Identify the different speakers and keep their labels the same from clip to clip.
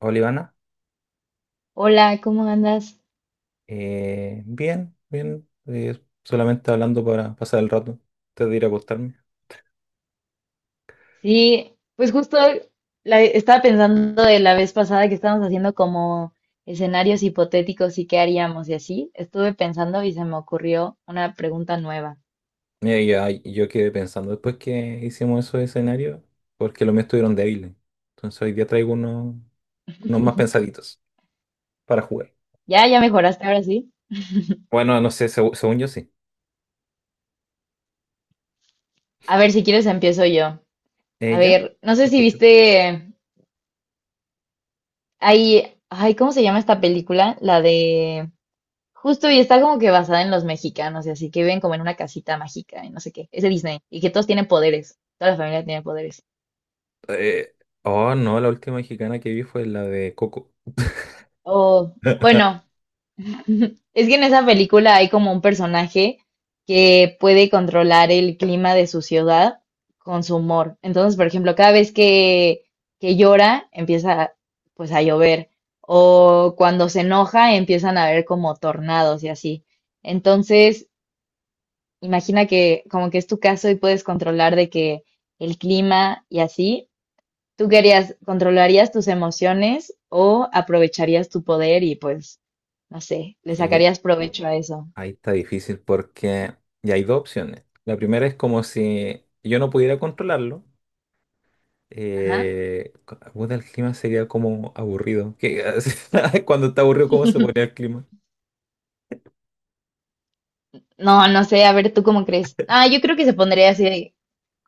Speaker 1: Hola Ivana.
Speaker 2: Hola, ¿cómo andas?
Speaker 1: Bien, bien, solamente hablando para pasar el rato, antes de ir a acostarme.
Speaker 2: Sí, pues justo estaba pensando de la vez pasada que estábamos haciendo como escenarios hipotéticos y qué haríamos y así. Estuve pensando y se me ocurrió una pregunta nueva.
Speaker 1: Mira, y ay, yo quedé pensando después que hicimos esos escenarios, porque los míos estuvieron débiles. Entonces hoy día traigo unos más pensaditos para jugar.
Speaker 2: Ya, ya mejoraste ahora sí.
Speaker 1: Bueno, no sé, según yo sí.
Speaker 2: A ver, si quieres empiezo yo. A
Speaker 1: ¿Ella?
Speaker 2: ver, no sé
Speaker 1: Te
Speaker 2: si
Speaker 1: escucho.
Speaker 2: viste ahí, ay, ¿cómo se llama esta película? La de justo y está como que basada en los mexicanos y así que viven como en una casita mágica y no sé qué. Es de Disney y que todos tienen poderes. Toda la familia tiene poderes.
Speaker 1: Eh, oh, no, la última mexicana que vi fue la de Coco.
Speaker 2: O, bueno, es que en esa película hay como un personaje que puede controlar el clima de su ciudad con su humor. Entonces, por ejemplo, cada vez que llora, empieza pues a llover. O cuando se enoja, empiezan a haber como tornados y así. Entonces, imagina que como que es tu caso y puedes controlar de que el clima y así. ¿Tú querías, controlarías tus emociones o aprovecharías tu poder y pues, no sé, le
Speaker 1: Y
Speaker 2: sacarías provecho a eso?
Speaker 1: ahí está difícil porque ya hay dos opciones. La primera es como si yo no pudiera controlarlo.
Speaker 2: Ajá.
Speaker 1: Puta, el clima sería como aburrido. Cuando está aburrido, ¿cómo se pone el clima?
Speaker 2: No, no sé, a ver, ¿tú cómo crees? Ah, yo creo que se pondría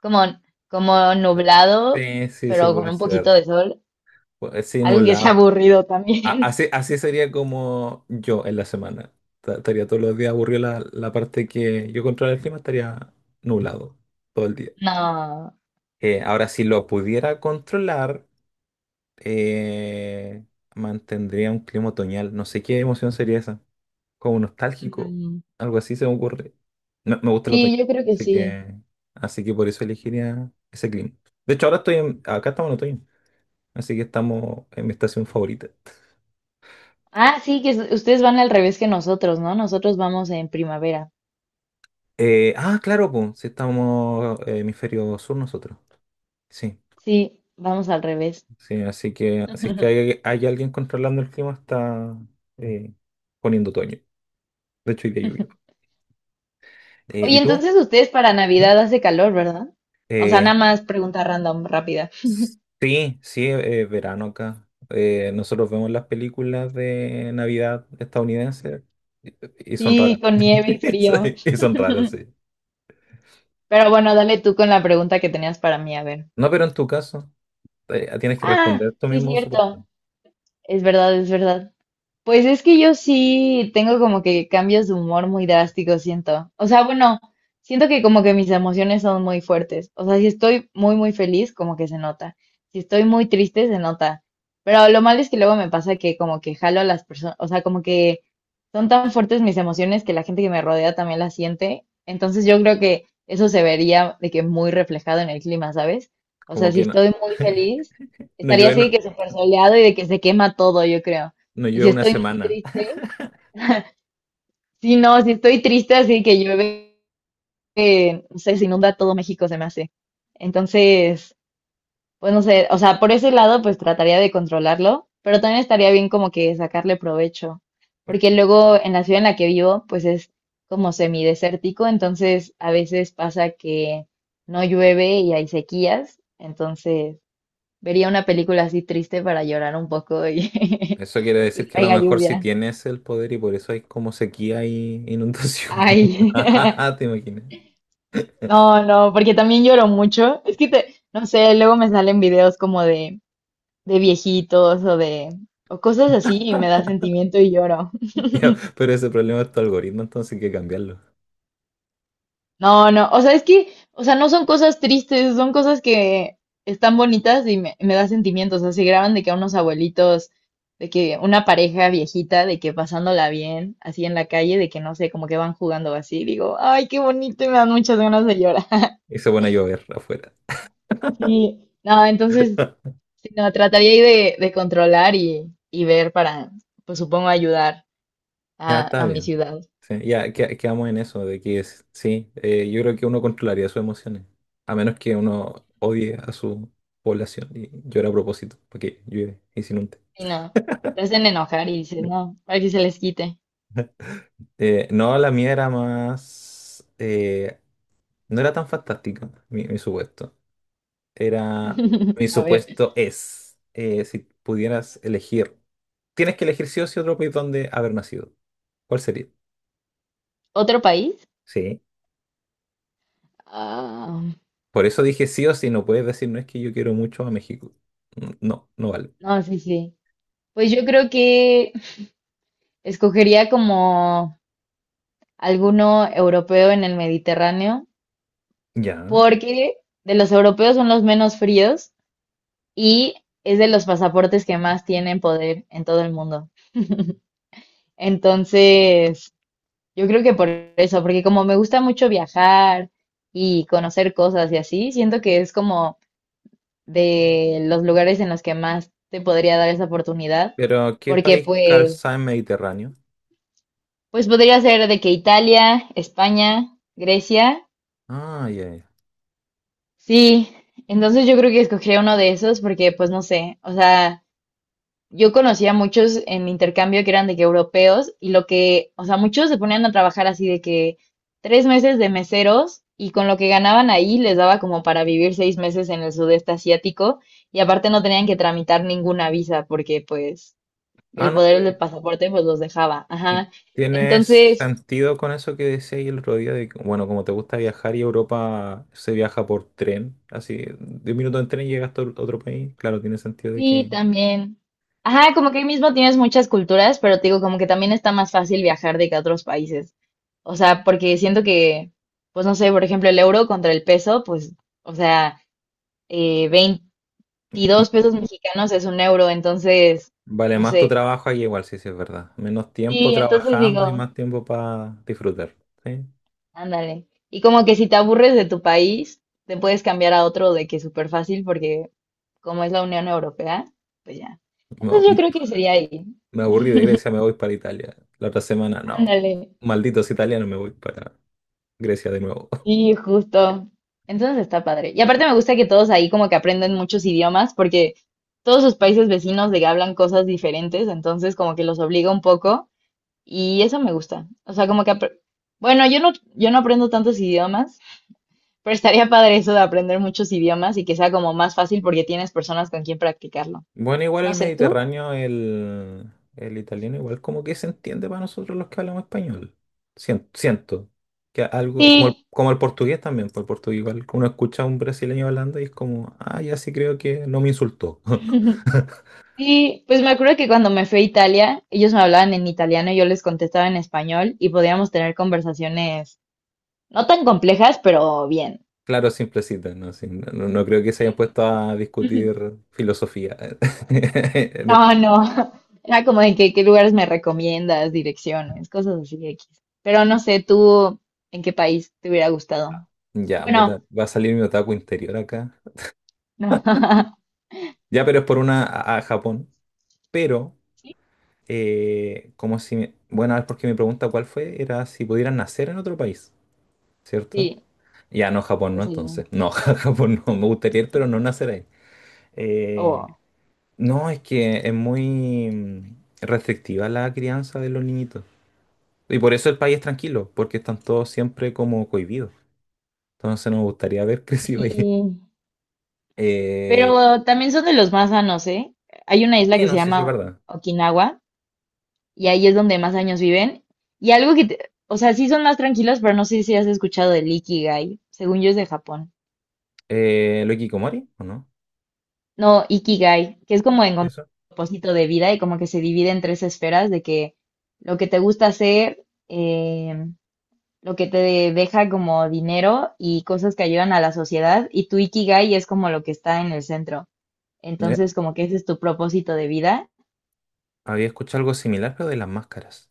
Speaker 2: como, como nublado,
Speaker 1: Sí, sí, sí
Speaker 2: pero con
Speaker 1: puede
Speaker 2: un poquito
Speaker 1: ser.
Speaker 2: de sol,
Speaker 1: Sí,
Speaker 2: algo que sea
Speaker 1: nublado.
Speaker 2: aburrido también.
Speaker 1: Así, así sería como yo en la semana. Estaría todos los días aburrido la parte que yo controla el clima, estaría nublado todo el día.
Speaker 2: No.
Speaker 1: Ahora, si lo pudiera controlar, eh, mantendría un clima otoñal. No sé qué emoción sería esa, como nostálgico,
Speaker 2: Mm,
Speaker 1: algo así se me ocurre. Me gusta el otoño,
Speaker 2: sí, yo creo que
Speaker 1: así
Speaker 2: sí.
Speaker 1: que, por eso elegiría ese clima. De hecho, ahora estoy acá estamos en otoño, así que estamos en mi estación favorita.
Speaker 2: Ah, sí, ustedes van al revés que nosotros, ¿no? Nosotros vamos en primavera.
Speaker 1: Claro, pues, si estamos hemisferio sur nosotros. Sí,
Speaker 2: Sí, vamos al revés.
Speaker 1: sí, así es que hay alguien controlando el clima, está eh, poniendo otoño. De hecho, hoy día llovió.
Speaker 2: Oye,
Speaker 1: ¿Y tú?
Speaker 2: entonces ustedes para
Speaker 1: ¿Mm?
Speaker 2: Navidad hace calor, ¿verdad? O sea, nada
Speaker 1: Eh,
Speaker 2: más pregunta random, rápida.
Speaker 1: Sí, sí, es verano acá. Nosotros vemos las películas de Navidad estadounidenses y son
Speaker 2: Sí,
Speaker 1: raras.
Speaker 2: con nieve y frío.
Speaker 1: Sí. Y son raras, sí.
Speaker 2: Pero bueno, dale tú con la pregunta que tenías para mí, a ver.
Speaker 1: No, pero en tu caso, tienes que
Speaker 2: Ah,
Speaker 1: responder tú
Speaker 2: sí, es
Speaker 1: mismo, supuesto.
Speaker 2: cierto. Es verdad, es verdad. Pues es que yo sí tengo como que cambios de humor muy drásticos, siento. O sea, bueno, siento que como que mis emociones son muy fuertes. O sea, si estoy muy, muy feliz, como que se nota. Si estoy muy triste, se nota. Pero lo malo es que luego me pasa que como que jalo a las personas, o sea, como que son tan fuertes mis emociones que la gente que me rodea también las siente. Entonces yo creo que eso se vería de que muy reflejado en el clima, ¿sabes? O
Speaker 1: Como
Speaker 2: sea, si
Speaker 1: que no,
Speaker 2: estoy muy feliz,
Speaker 1: no
Speaker 2: estaría
Speaker 1: llueve,
Speaker 2: así de
Speaker 1: no,
Speaker 2: que súper soleado y de que se quema todo, yo creo.
Speaker 1: no
Speaker 2: Y
Speaker 1: llueve
Speaker 2: si
Speaker 1: una
Speaker 2: estoy muy
Speaker 1: semana.
Speaker 2: triste, sí no, si estoy triste, así que llueve, no sé, se inunda todo México, se me hace. Entonces, pues no sé, o sea, por ese lado, pues trataría de controlarlo, pero también estaría bien como que sacarle provecho, porque luego en la ciudad en la que vivo, pues es como semidesértico, entonces a veces pasa que no llueve y hay sequías, entonces vería una película así triste para llorar un poco y,
Speaker 1: Eso quiere decir
Speaker 2: y
Speaker 1: que a lo
Speaker 2: caiga
Speaker 1: mejor sí
Speaker 2: lluvia.
Speaker 1: tienes el poder y por eso hay como sequía y inundaciones.
Speaker 2: Ay.
Speaker 1: ¿Te imaginas?
Speaker 2: No, no, porque también lloro mucho. Es que te, no sé, luego me salen videos como de viejitos o de, o cosas así y me da sentimiento y lloro.
Speaker 1: Ya, pero ese problema es tu algoritmo, entonces hay que cambiarlo.
Speaker 2: No, no, o sea, es que, o sea, no son cosas tristes, son cosas que están bonitas y me da sentimientos. O sea, se graban de que a unos abuelitos, de que una pareja viejita, de que pasándola bien, así en la calle, de que no sé, como que van jugando así. Digo, ay, qué bonito y me dan muchas ganas de llorar.
Speaker 1: Y se pone a llover afuera.
Speaker 2: Sí, no, entonces sí, no, trataría ahí de controlar y ver para, pues supongo, ayudar
Speaker 1: Ya está
Speaker 2: a mi
Speaker 1: bien.
Speaker 2: ciudad.
Speaker 1: Sí, ya quedamos en eso, de que sí, yo creo que uno controlaría sus emociones, a menos que uno odie a su población y llora a propósito, porque llueve y se inunde.
Speaker 2: Y no, te hacen enojar y dices, no, para que se les quite.
Speaker 1: No, la mía era más... no era tan fantástica, mi supuesto. Era... Mi
Speaker 2: A ver,
Speaker 1: supuesto es, si pudieras elegir, tienes que elegir sí o sí otro país donde haber nacido. ¿Cuál sería?
Speaker 2: ¿otro país?
Speaker 1: Sí.
Speaker 2: Ah,
Speaker 1: Por eso dije sí o sí, no puedes decir, no es que yo quiero mucho a México. No, no vale.
Speaker 2: no, sí, sí. Pues yo creo que escogería como alguno europeo en el Mediterráneo,
Speaker 1: Ya.
Speaker 2: porque de los europeos son los menos fríos y es de los pasaportes que más tienen poder en todo el mundo. Entonces... yo creo que por eso, porque como me gusta mucho viajar y conocer cosas y así, siento que es como de los lugares en los que más te podría dar esa oportunidad,
Speaker 1: Pero, ¿qué
Speaker 2: porque
Speaker 1: país
Speaker 2: pues,
Speaker 1: calza en Mediterráneo?
Speaker 2: pues podría ser de que Italia, España, Grecia,
Speaker 1: Ah, ya, ya.
Speaker 2: sí, entonces yo creo que escogería uno de esos porque pues no sé, o sea, yo conocía a muchos en mi intercambio que eran de que europeos y lo que, o sea, muchos se ponían a trabajar así de que 3 meses de meseros y con lo que ganaban ahí les daba como para vivir 6 meses en el sudeste asiático y aparte no tenían que tramitar ninguna visa porque pues
Speaker 1: Ah,
Speaker 2: el
Speaker 1: no,
Speaker 2: poder del
Speaker 1: pues.
Speaker 2: pasaporte pues los dejaba.
Speaker 1: ¿Y
Speaker 2: Ajá.
Speaker 1: tiene
Speaker 2: Entonces,
Speaker 1: sentido con eso que decía ahí el otro día? De, que, bueno, como te gusta viajar y Europa se viaja por tren, así, 10 minutos en tren y llegas a otro país. Claro, tiene sentido de
Speaker 2: sí,
Speaker 1: que
Speaker 2: también. Ajá, como que ahí mismo tienes muchas culturas, pero te digo, como que también está más fácil viajar de que a otros países. O sea, porque siento que, pues no sé, por ejemplo, el euro contra el peso, pues, o sea, eh,
Speaker 1: m-
Speaker 2: 22 pesos mexicanos es un euro, entonces,
Speaker 1: vale
Speaker 2: no
Speaker 1: más tu
Speaker 2: sé.
Speaker 1: trabajo ahí, igual, sí, sí, es verdad. Menos tiempo
Speaker 2: Sí, entonces
Speaker 1: trabajando y
Speaker 2: digo,
Speaker 1: más tiempo para disfrutar. ¿Sí?
Speaker 2: ándale. Y como que si te aburres de tu país, te puedes cambiar a otro de que súper fácil, porque como es la Unión Europea, pues ya. Entonces yo
Speaker 1: Mo-
Speaker 2: creo que sería ahí.
Speaker 1: Me aburrí de Grecia, me voy para Italia. La otra semana, no.
Speaker 2: Ándale.
Speaker 1: Malditos italianos, me voy para Grecia de nuevo.
Speaker 2: Y justo. Entonces está padre. Y aparte me gusta que todos ahí como que aprenden muchos idiomas porque todos sus países vecinos de que hablan cosas diferentes, entonces como que los obliga un poco y eso me gusta. O sea, bueno, yo no aprendo tantos idiomas, pero estaría padre eso de aprender muchos idiomas y que sea como más fácil porque tienes personas con quien practicarlo.
Speaker 1: Bueno, igual
Speaker 2: No
Speaker 1: el
Speaker 2: sé, ¿tú?
Speaker 1: Mediterráneo, el italiano, igual como que se entiende para nosotros los que hablamos español. Siento que algo,
Speaker 2: Sí.
Speaker 1: como el portugués también, por el portugués igual uno escucha a un brasileño hablando y es como, ah, ya sí creo que no me insultó.
Speaker 2: Sí, pues me acuerdo que cuando me fui a Italia, ellos me hablaban en italiano y yo les contestaba en español y podíamos tener conversaciones no tan complejas, pero bien.
Speaker 1: Claro, simplecita, ¿no? Sí, no, no creo que se
Speaker 2: Sí.
Speaker 1: hayan puesto a
Speaker 2: Ujú.
Speaker 1: discutir filosofía en
Speaker 2: No,
Speaker 1: español.
Speaker 2: no. Era como de que qué lugares me recomiendas, direcciones, cosas así de X. Pero no sé, tú, ¿en qué país te hubiera gustado?
Speaker 1: Ya,
Speaker 2: Bueno,
Speaker 1: puta, va a salir mi otaku interior acá.
Speaker 2: no.
Speaker 1: Ya, pero es por una a Japón. Pero,
Speaker 2: Sí,
Speaker 1: como si me- bueno, es porque mi pregunta cuál fue, era si pudieran nacer en otro país, ¿cierto?
Speaker 2: sí,
Speaker 1: Ya, no, Japón no,
Speaker 2: ¿cuál sería?
Speaker 1: entonces. No, Japón no, me gustaría ir, pero no nacer ahí. Eh,
Speaker 2: Oh,
Speaker 1: no, es que es muy restrictiva la crianza de los niñitos. Y por eso el país es tranquilo, porque están todos siempre como cohibidos. Entonces nos gustaría haber crecido ahí.
Speaker 2: sí.
Speaker 1: Eh,
Speaker 2: Pero también son de los más sanos, ¿eh? Hay una isla
Speaker 1: sí,
Speaker 2: que se
Speaker 1: no sé si es
Speaker 2: llama
Speaker 1: verdad.
Speaker 2: Okinawa y ahí es donde más años viven. Y algo que, o sea, sí son más tranquilos, pero no sé si has escuchado del Ikigai. Según yo es de Japón.
Speaker 1: ¿Lo de Hikikomori o no?
Speaker 2: No, Ikigai, que es como
Speaker 1: ¿Y
Speaker 2: encontrar
Speaker 1: eso?
Speaker 2: un propósito de vida y como que se divide en tres esferas de que lo que te gusta hacer, lo que te deja como dinero y cosas que ayudan a la sociedad y tu Ikigai es como lo que está en el centro. Entonces, como que ese es tu propósito de vida.
Speaker 1: Había escuchado algo similar, pero de las máscaras.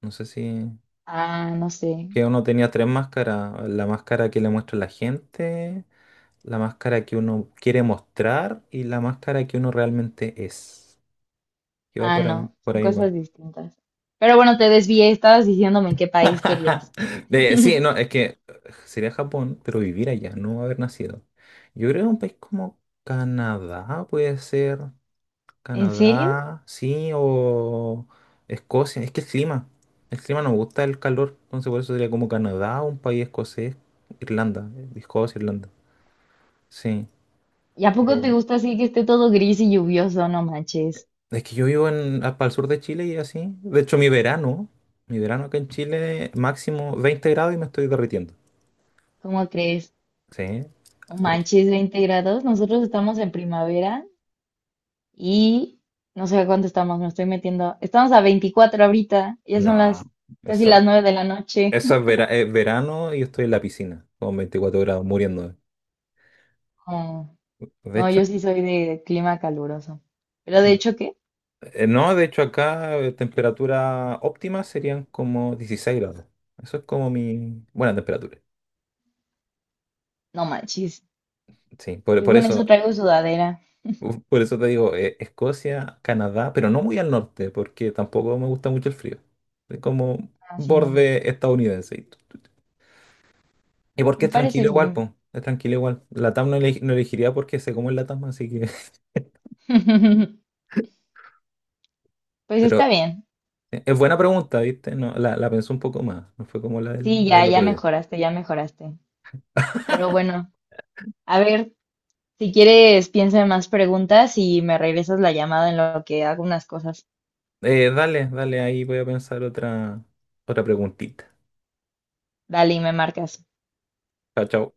Speaker 1: No sé si...
Speaker 2: Ah, no sé.
Speaker 1: Que uno tenía tres máscaras. La máscara que le muestra la gente, la máscara que uno quiere mostrar y la máscara que uno realmente es. Que va
Speaker 2: Ah, no,
Speaker 1: por
Speaker 2: son
Speaker 1: ahí igual.
Speaker 2: cosas distintas. Pero bueno, te desvié, estabas diciéndome en qué país querías.
Speaker 1: Sí, no, es que sería Japón, pero vivir allá, no haber nacido. Yo creo que un país como Canadá puede ser.
Speaker 2: ¿En serio?
Speaker 1: Canadá, sí, o Escocia. Es que el clima, nos gusta el calor, entonces por eso sería como Canadá, un país escocés, Irlanda, Escocia, Irlanda. Sí.
Speaker 2: ¿Y a poco
Speaker 1: Eh,
Speaker 2: te gusta así que esté todo gris y lluvioso? No manches.
Speaker 1: es que yo vivo para el sur de Chile y así. De hecho, mi verano acá en Chile, máximo 20 grados y me estoy derritiendo.
Speaker 2: ¿Cómo crees?
Speaker 1: Sí.
Speaker 2: No manches, 20 grados. Nosotros estamos en primavera y no sé a cuánto estamos, me estoy metiendo. Estamos a 24 ahorita, ya son
Speaker 1: No,
Speaker 2: las casi
Speaker 1: eso,
Speaker 2: las 9 de la noche.
Speaker 1: eso es verano y estoy en la piscina con 24 grados muriendo.
Speaker 2: No,
Speaker 1: De
Speaker 2: no,
Speaker 1: hecho.
Speaker 2: yo sí soy de clima caluroso. Pero de hecho, ¿qué?
Speaker 1: No, de hecho acá temperatura óptima serían como 16 grados. Eso es como mi buena temperatura.
Speaker 2: No manches.
Speaker 1: Sí, por,
Speaker 2: Yo
Speaker 1: por
Speaker 2: con
Speaker 1: eso,
Speaker 2: eso traigo sudadera.
Speaker 1: uf, por eso te digo, Escocia, Canadá, pero no muy al norte, porque tampoco me gusta mucho el frío. Es como
Speaker 2: Así no.
Speaker 1: borde estadounidense, y todo. Y porque
Speaker 2: Me
Speaker 1: es
Speaker 2: parece
Speaker 1: tranquilo igual,
Speaker 2: bien.
Speaker 1: pues. Es tranquilo igual. La TAM no, no elegiría porque sé cómo es la TAM, así que.
Speaker 2: Pues está
Speaker 1: Pero
Speaker 2: bien.
Speaker 1: es buena pregunta, ¿viste? No, la pensé un poco más. No fue como la del,
Speaker 2: Sí,
Speaker 1: la
Speaker 2: ya,
Speaker 1: del
Speaker 2: ya
Speaker 1: otro día.
Speaker 2: mejoraste, ya mejoraste. Pero bueno, a ver, si quieres, piensa en más preguntas y me regresas la llamada en lo que hago unas cosas.
Speaker 1: Dale, dale, ahí voy a pensar otra preguntita.
Speaker 2: Dale y me marcas.
Speaker 1: Chao, chao.